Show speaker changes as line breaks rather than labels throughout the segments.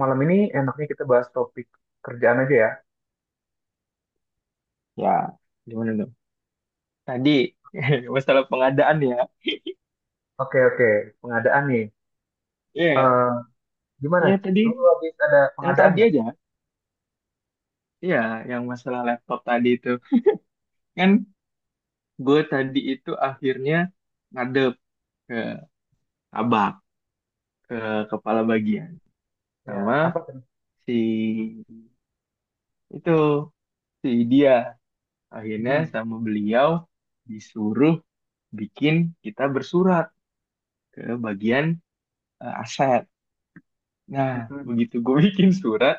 Malam ini enaknya kita bahas topik kerjaan aja ya.
Ya, gimana dong? Tadi masalah pengadaan ya.
Oke, oke. Pengadaan nih.
Iya,
Eh, gimana?
ya tadi
Lu habis ada
yang
pengadaan
tadi
nggak?
aja. Iya, yang masalah laptop tadi itu. Kan gue tadi itu akhirnya ngadep ke abak, ke kepala bagian
Ya,
sama
apa tuh?
si itu si dia. Akhirnya
Mm-mm.
sama beliau disuruh bikin kita bersurat ke bagian aset. Nah,
Mm-mm.
begitu gue bikin surat,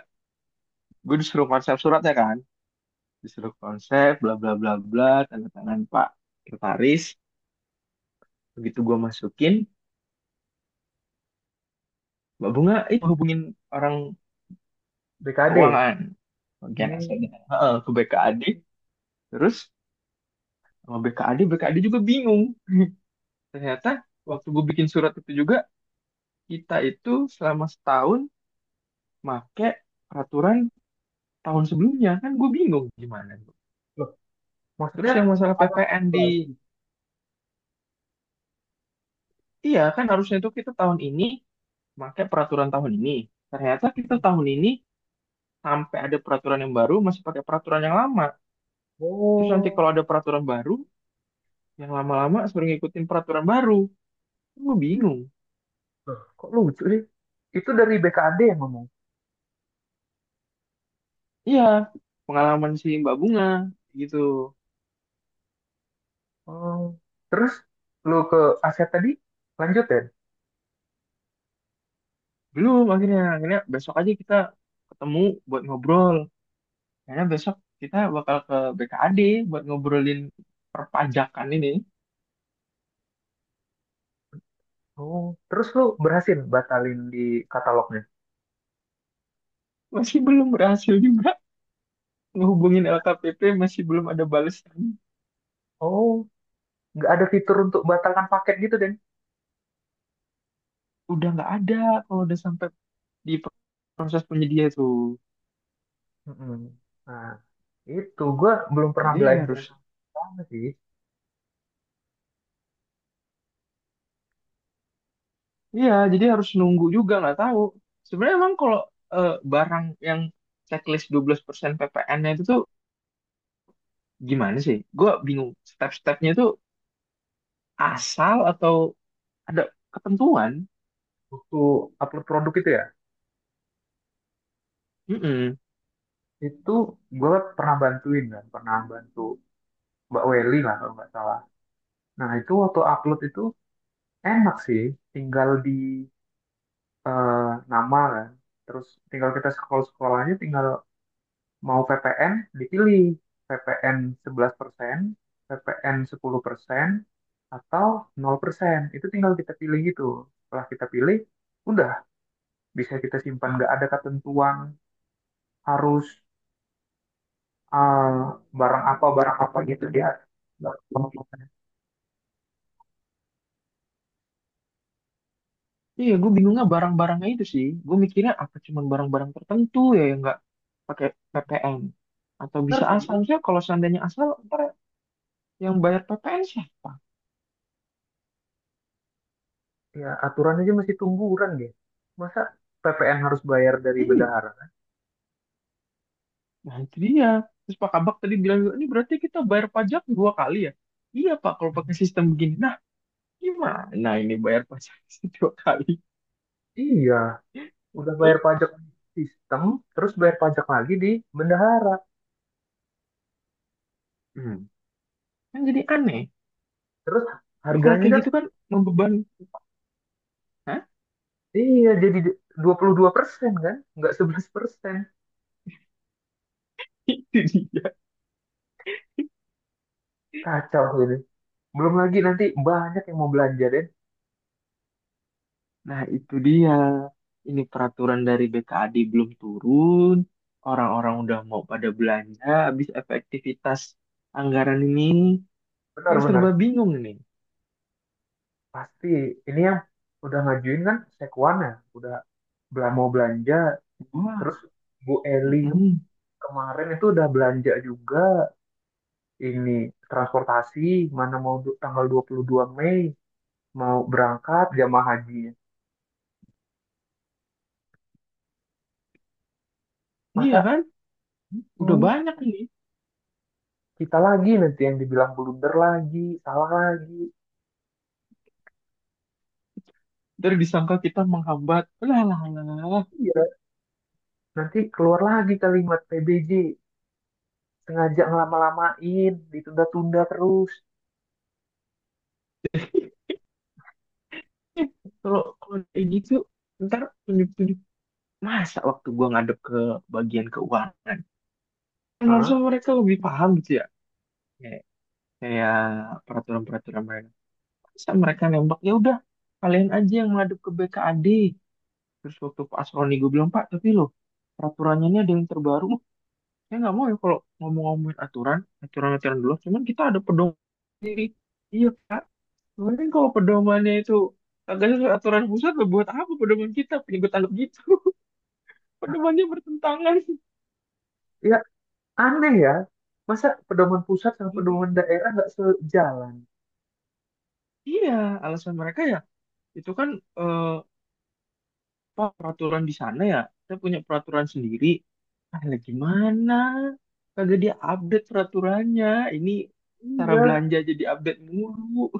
gue disuruh konsep suratnya kan. Disuruh konsep bla bla bla bla, tanda tangan Pak Kertaris. Begitu gue masukin, Mbak Bunga itu hubungin orang
BKD.
keuangan, bagian asetnya.
Hmm.
Heeh, ke BKAD. Terus sama BKAD BKAD juga bingung. Ternyata
Wah,
waktu gue bikin surat itu juga, kita itu selama setahun make peraturan tahun sebelumnya kan. Gue bingung gimana.
loh.
Terus
Maksudnya
yang masalah
ada produk
PPN di,
baru gitu.
iya kan harusnya itu kita tahun ini make peraturan tahun ini. Ternyata kita tahun ini, sampai ada peraturan yang baru, masih pakai peraturan yang lama. Terus nanti
Oh,
kalau ada peraturan baru, yang lama-lama suruh ngikutin peraturan baru. Gue bingung.
loh, kok lucu sih? Itu dari BKD yang ngomong.
Iya, pengalaman si Mbak Bunga gitu.
Oh. Terus lu ke aset tadi lanjut ya?
Belum, akhirnya besok aja kita ketemu buat ngobrol. Karena besok kita bakal ke BKAD buat ngobrolin perpajakan ini.
Oh, terus lu berhasil batalin di katalognya?
Masih belum berhasil juga ngehubungin
Nggak-
LKPP, masih belum ada balasan.
Oh, nggak ada fitur untuk batalkan paket gitu, Den.
Udah nggak ada kalau udah sampai di proses penyedia tuh.
Mm-mm. Nah, itu gue belum pernah
Jadi ya harus.
belajar sama sih.
Iya, jadi harus nunggu juga nggak tahu. Sebenarnya emang kalau barang yang checklist 12% PPN-nya itu tuh gimana sih? Gue bingung. Step-stepnya itu asal atau ada ketentuan?
Waktu upload produk itu ya,
Mm-mm.
itu gue pernah bantuin kan, pernah bantu Mbak Welly lah kalau nggak salah. Nah, itu waktu upload itu enak sih, tinggal di eh, nama kan. Terus tinggal kita scroll-scroll aja, tinggal mau VPN, dipilih. VPN sebelas VPN 11%, 10%, atau 0%. Itu tinggal kita pilih gitu. Setelah kita pilih, udah bisa kita simpan, nggak ada ketentuan harus ah, barang apa gitu. Dia nggak
Iya, gue bingungnya barang-barangnya itu sih. Gue mikirnya apa cuman barang-barang tertentu ya yang nggak pakai PPN? Atau
benar
bisa
sih.
asal sih? Kalau seandainya asal, ntar yang bayar PPN siapa?
Ya, aturan aja masih tungguran deh. Masa PPN harus bayar dari
Iya.
bendahara?
Nah, itu dia. Terus Pak Kabak tadi bilang, ini berarti kita bayar pajak dua kali ya? Iya Pak, kalau pakai sistem begini. Nah, gimana ini bayar pajak dua kali?
Iya, udah bayar
Eh,
pajak sistem terus bayar pajak lagi di bendahara.
Hmm. Kan jadi aneh.
Terus
Lu, kalau
harganya
kayak
kan,
gitu kan membeban. Hah?
iya, jadi dua 22% kan, nggak 11%.
Itu dia.
Kacau ini. Belum lagi nanti banyak yang mau belanja deh.
Nah, itu dia. Ini peraturan dari BKAD belum turun. Orang-orang udah mau pada belanja. Habis efektivitas anggaran ini. Yang serba
Benar-benar.
bingung ini.
Pasti ini yang udah ngajuin kan sekuan ya, udah mau belanja. Terus
Wah.
Bu Eli
Mm-mm.
kemarin itu udah belanja juga, ini transportasi. Mana mau tanggal 22 Mei mau berangkat jamaah haji.
Iya
Masa
kan? Udah
hmm,
banyak ini.
kita lagi nanti yang dibilang blunder lagi, salah lagi.
Ntar disangka kita menghambat, lah lah lah lah.
Iya, nanti keluar lagi kalimat PBJ sengaja ngelama-lamain, ditunda-tunda terus.
eh kalau kalau kayak gitu, ntar tunjuk-tunjuk. Masa waktu gua ngadep ke bagian keuangan, kan harusnya
Hah?
mereka lebih paham gitu ya, kayak kayak peraturan-peraturan mereka. Masa mereka nembak, ya udah kalian aja yang ngadep ke BKAD. Terus waktu Pak Asroni, gue bilang, "Pak, tapi loh peraturannya ini ada yang terbaru." " Saya nggak mau ya kalau ngomong-ngomongin aturan-aturan dulu. Cuman kita ada pedoman sendiri." Iya Pak. Mungkin kalau pedomannya itu agak sesuai aturan pusat, lah, buat apa pedoman kita? Punya gue tangkap gitu. Pedomannya bertentangan.
Ya, aneh ya, masa pedoman pusat sama
Emang.
pedoman daerah nggak sejalan?
Iya, alasan mereka ya itu kan, eh, apa, peraturan di sana ya. Kita punya peraturan sendiri. Ah, lah gimana? Kagak dia update peraturannya. Ini cara
Iya,
belanja jadi update mulu.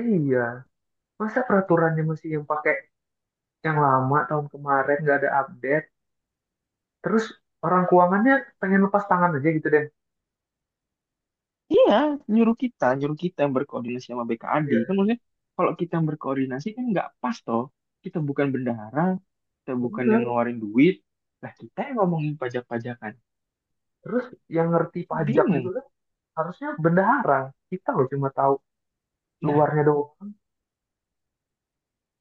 iya. Masa peraturannya masih yang pakai yang lama, tahun kemarin nggak ada update. Terus orang keuangannya pengen lepas tangan aja gitu deh.
Iya, nyuruh kita yang berkoordinasi sama BKAD. Kan
Iya,
maksudnya, kalau kita yang berkoordinasi kan nggak pas toh. Kita bukan bendahara, kita bukan yang
bener.
ngeluarin duit. Lah, kita yang ngomongin pajak-pajakan.
Terus yang ngerti pajak juga
Bingung.
kan harusnya bendahara. Kita loh cuma tahu
Nah,
luarnya doang.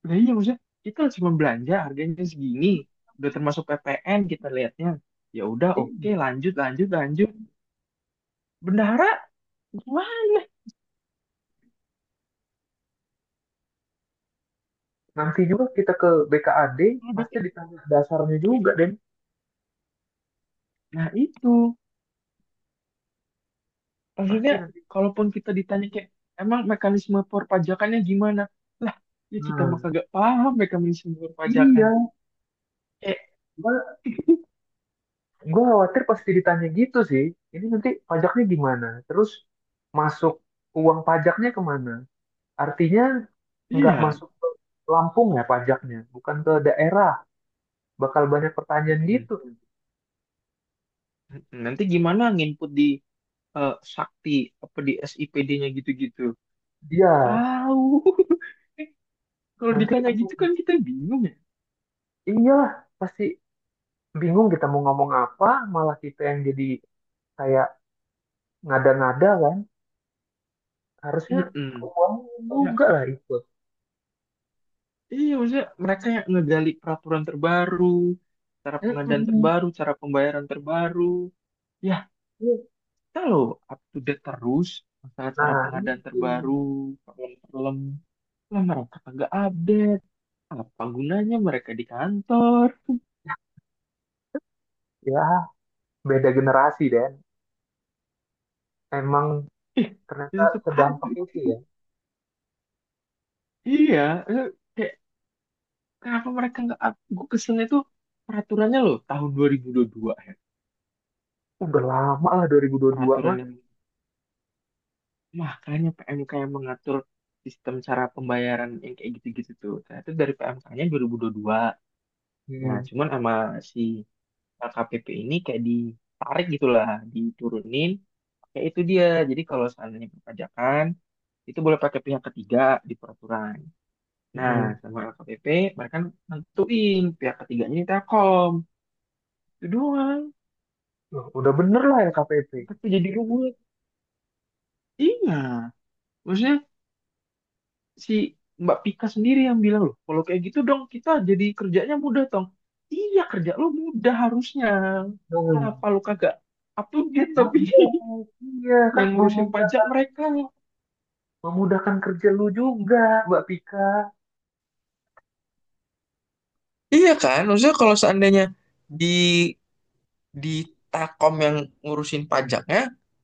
lah iya maksudnya kita cuma belanja harganya segini. Udah termasuk PPN kita lihatnya. Ya udah, oke,
Iya.
lanjut lanjut lanjut. Bendahara gimana?
Nanti juga kita ke BKAD
Udah
pasti ditanya dasarnya juga, Den.
Nah itu. Maksudnya,
Pasti nanti.
kalaupun kita ditanya kayak, emang mekanisme perpajakannya gimana? Lah, ya kita mah
Nah,
kagak paham mekanisme perpajakan.
iya.
Eh,
Gue khawatir pasti ditanya gitu sih. Ini nanti pajaknya gimana? Terus masuk uang pajaknya kemana? Artinya nggak
iya.
masuk ke Lampung ya pajaknya, bukan ke daerah. Bakal banyak pertanyaan
Mm-mm.
gitu.
Mm-mm. Nanti gimana nginput di Sakti, apa di SIPD-nya gitu-gitu?
Iya,
Tahu. Eh, Kalau
nanti
ditanya gitu kan kita bingung ya.
iyalah pasti bingung kita mau ngomong apa, malah kita yang jadi kayak ngada-ngada kan. Harusnya
Mm-mm.
uang
Ya,
juga lah itu.
iya maksudnya mereka yang ngegali peraturan terbaru, cara pengadaan
Mm-mm.
terbaru, cara pembayaran terbaru. Ya, kita loh up to date terus masalah cara
Nah,
pengadaan
itu.
terbaru, problem-problem. Lah mereka kagak update, apa gunanya mereka di kantor?
Ya, beda generasi emang ternyata
Ih, tetap aja.
sedampak itu ya.
Iya, eh, kayak, kenapa mereka nggak up? Gue keselnya tuh peraturannya loh tahun 2022 ya.
Udah lama lah 2022
Peraturan
mah.
yang, makanya PMK yang mengatur sistem cara pembayaran yang kayak gitu-gitu tuh, nah, itu dari PMK-nya dua ribu dua puluh dua. Nah,
Hmm.
cuman sama si KPP ini kayak ditarik gitulah, diturunin. Kayak itu dia. Jadi kalau seandainya perpajakan itu boleh pakai pihak ketiga di peraturan. Nah,
Mm.
sama LKPP, mereka nentuin pihak ketiganya ini Telkom. Itu doang.
Loh, udah bener lah LKPP.
Tapi jadi ruwet. Iya. Maksudnya si Mbak Pika sendiri yang bilang loh, kalau kayak gitu dong kita jadi kerjanya mudah, Tong. Iya, kerja lo mudah harusnya.
Hmm.
Kenapa lo kagak update
Nah,
tapi
iya, iya kan
yang ngurusin pajak
memudahkan,
mereka?
memudahkan kerja lu juga, Mbak Pika.
Iya kan? Maksudnya kalau seandainya di di Takom yang ngurusin pajaknya,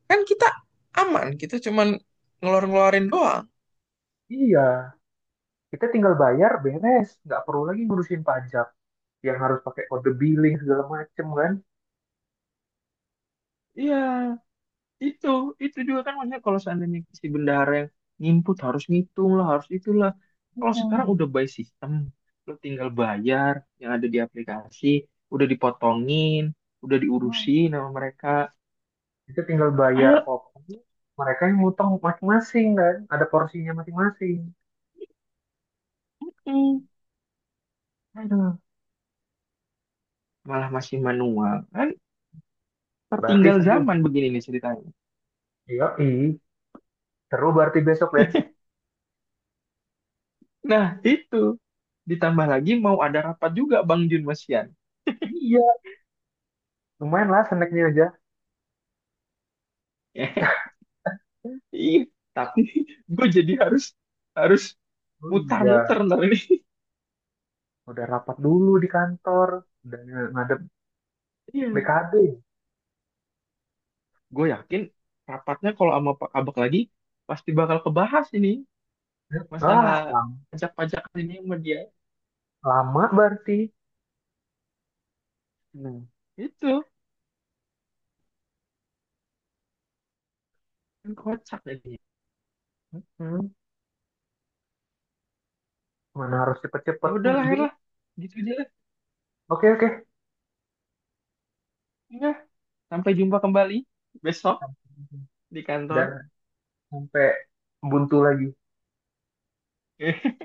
kan kita aman. Kita cuman ngeluarin-ngeluarin doang.
Iya, kita tinggal bayar beres, nggak perlu lagi ngurusin pajak yang harus pakai kode billing segala macem kan.
Iya, itu itu juga kan, maksudnya kalau seandainya si bendahara yang nginput harus ngitung lah, harus itulah. Kalau sekarang udah
Hmm.
by system, lo tinggal bayar yang ada di aplikasi, udah dipotongin, udah diurusin sama mereka.
Kita tinggal bayar
Padahal,
pokoknya, mereka yang ngutang masing-masing kan, ada porsinya masing-masing.
hmm, aduh, malah masih manual. Kan
Berarti
tertinggal
seru.
zaman begini nih ceritanya.
Iya, seru berarti besok ya.
Nah, itu. Ditambah lagi mau ada rapat juga Bang Jun Masian.
Iya, lumayan lah snacknya aja.
Iya, tapi gue jadi harus harus
Oh iya,
mutar-muter ntar ini.
udah rapat dulu di kantor, udah ngadep
Iya.
BKD.
Gue yakin rapatnya kalau sama Pak Abak lagi pasti bakal kebahas ini, masalah
Ah, lam-
pajak-pajak ini sama dia.
lama berarti.
Nah, itu kan kocak jadinya.
Hmm, mana harus
Ya
cepet-cepet
udahlah,
dulu.
Her lah. Gitu aja lah.
Oke, oke.
Ya, sampai jumpa kembali besok di kantor.
Dan sampai buntu lagi.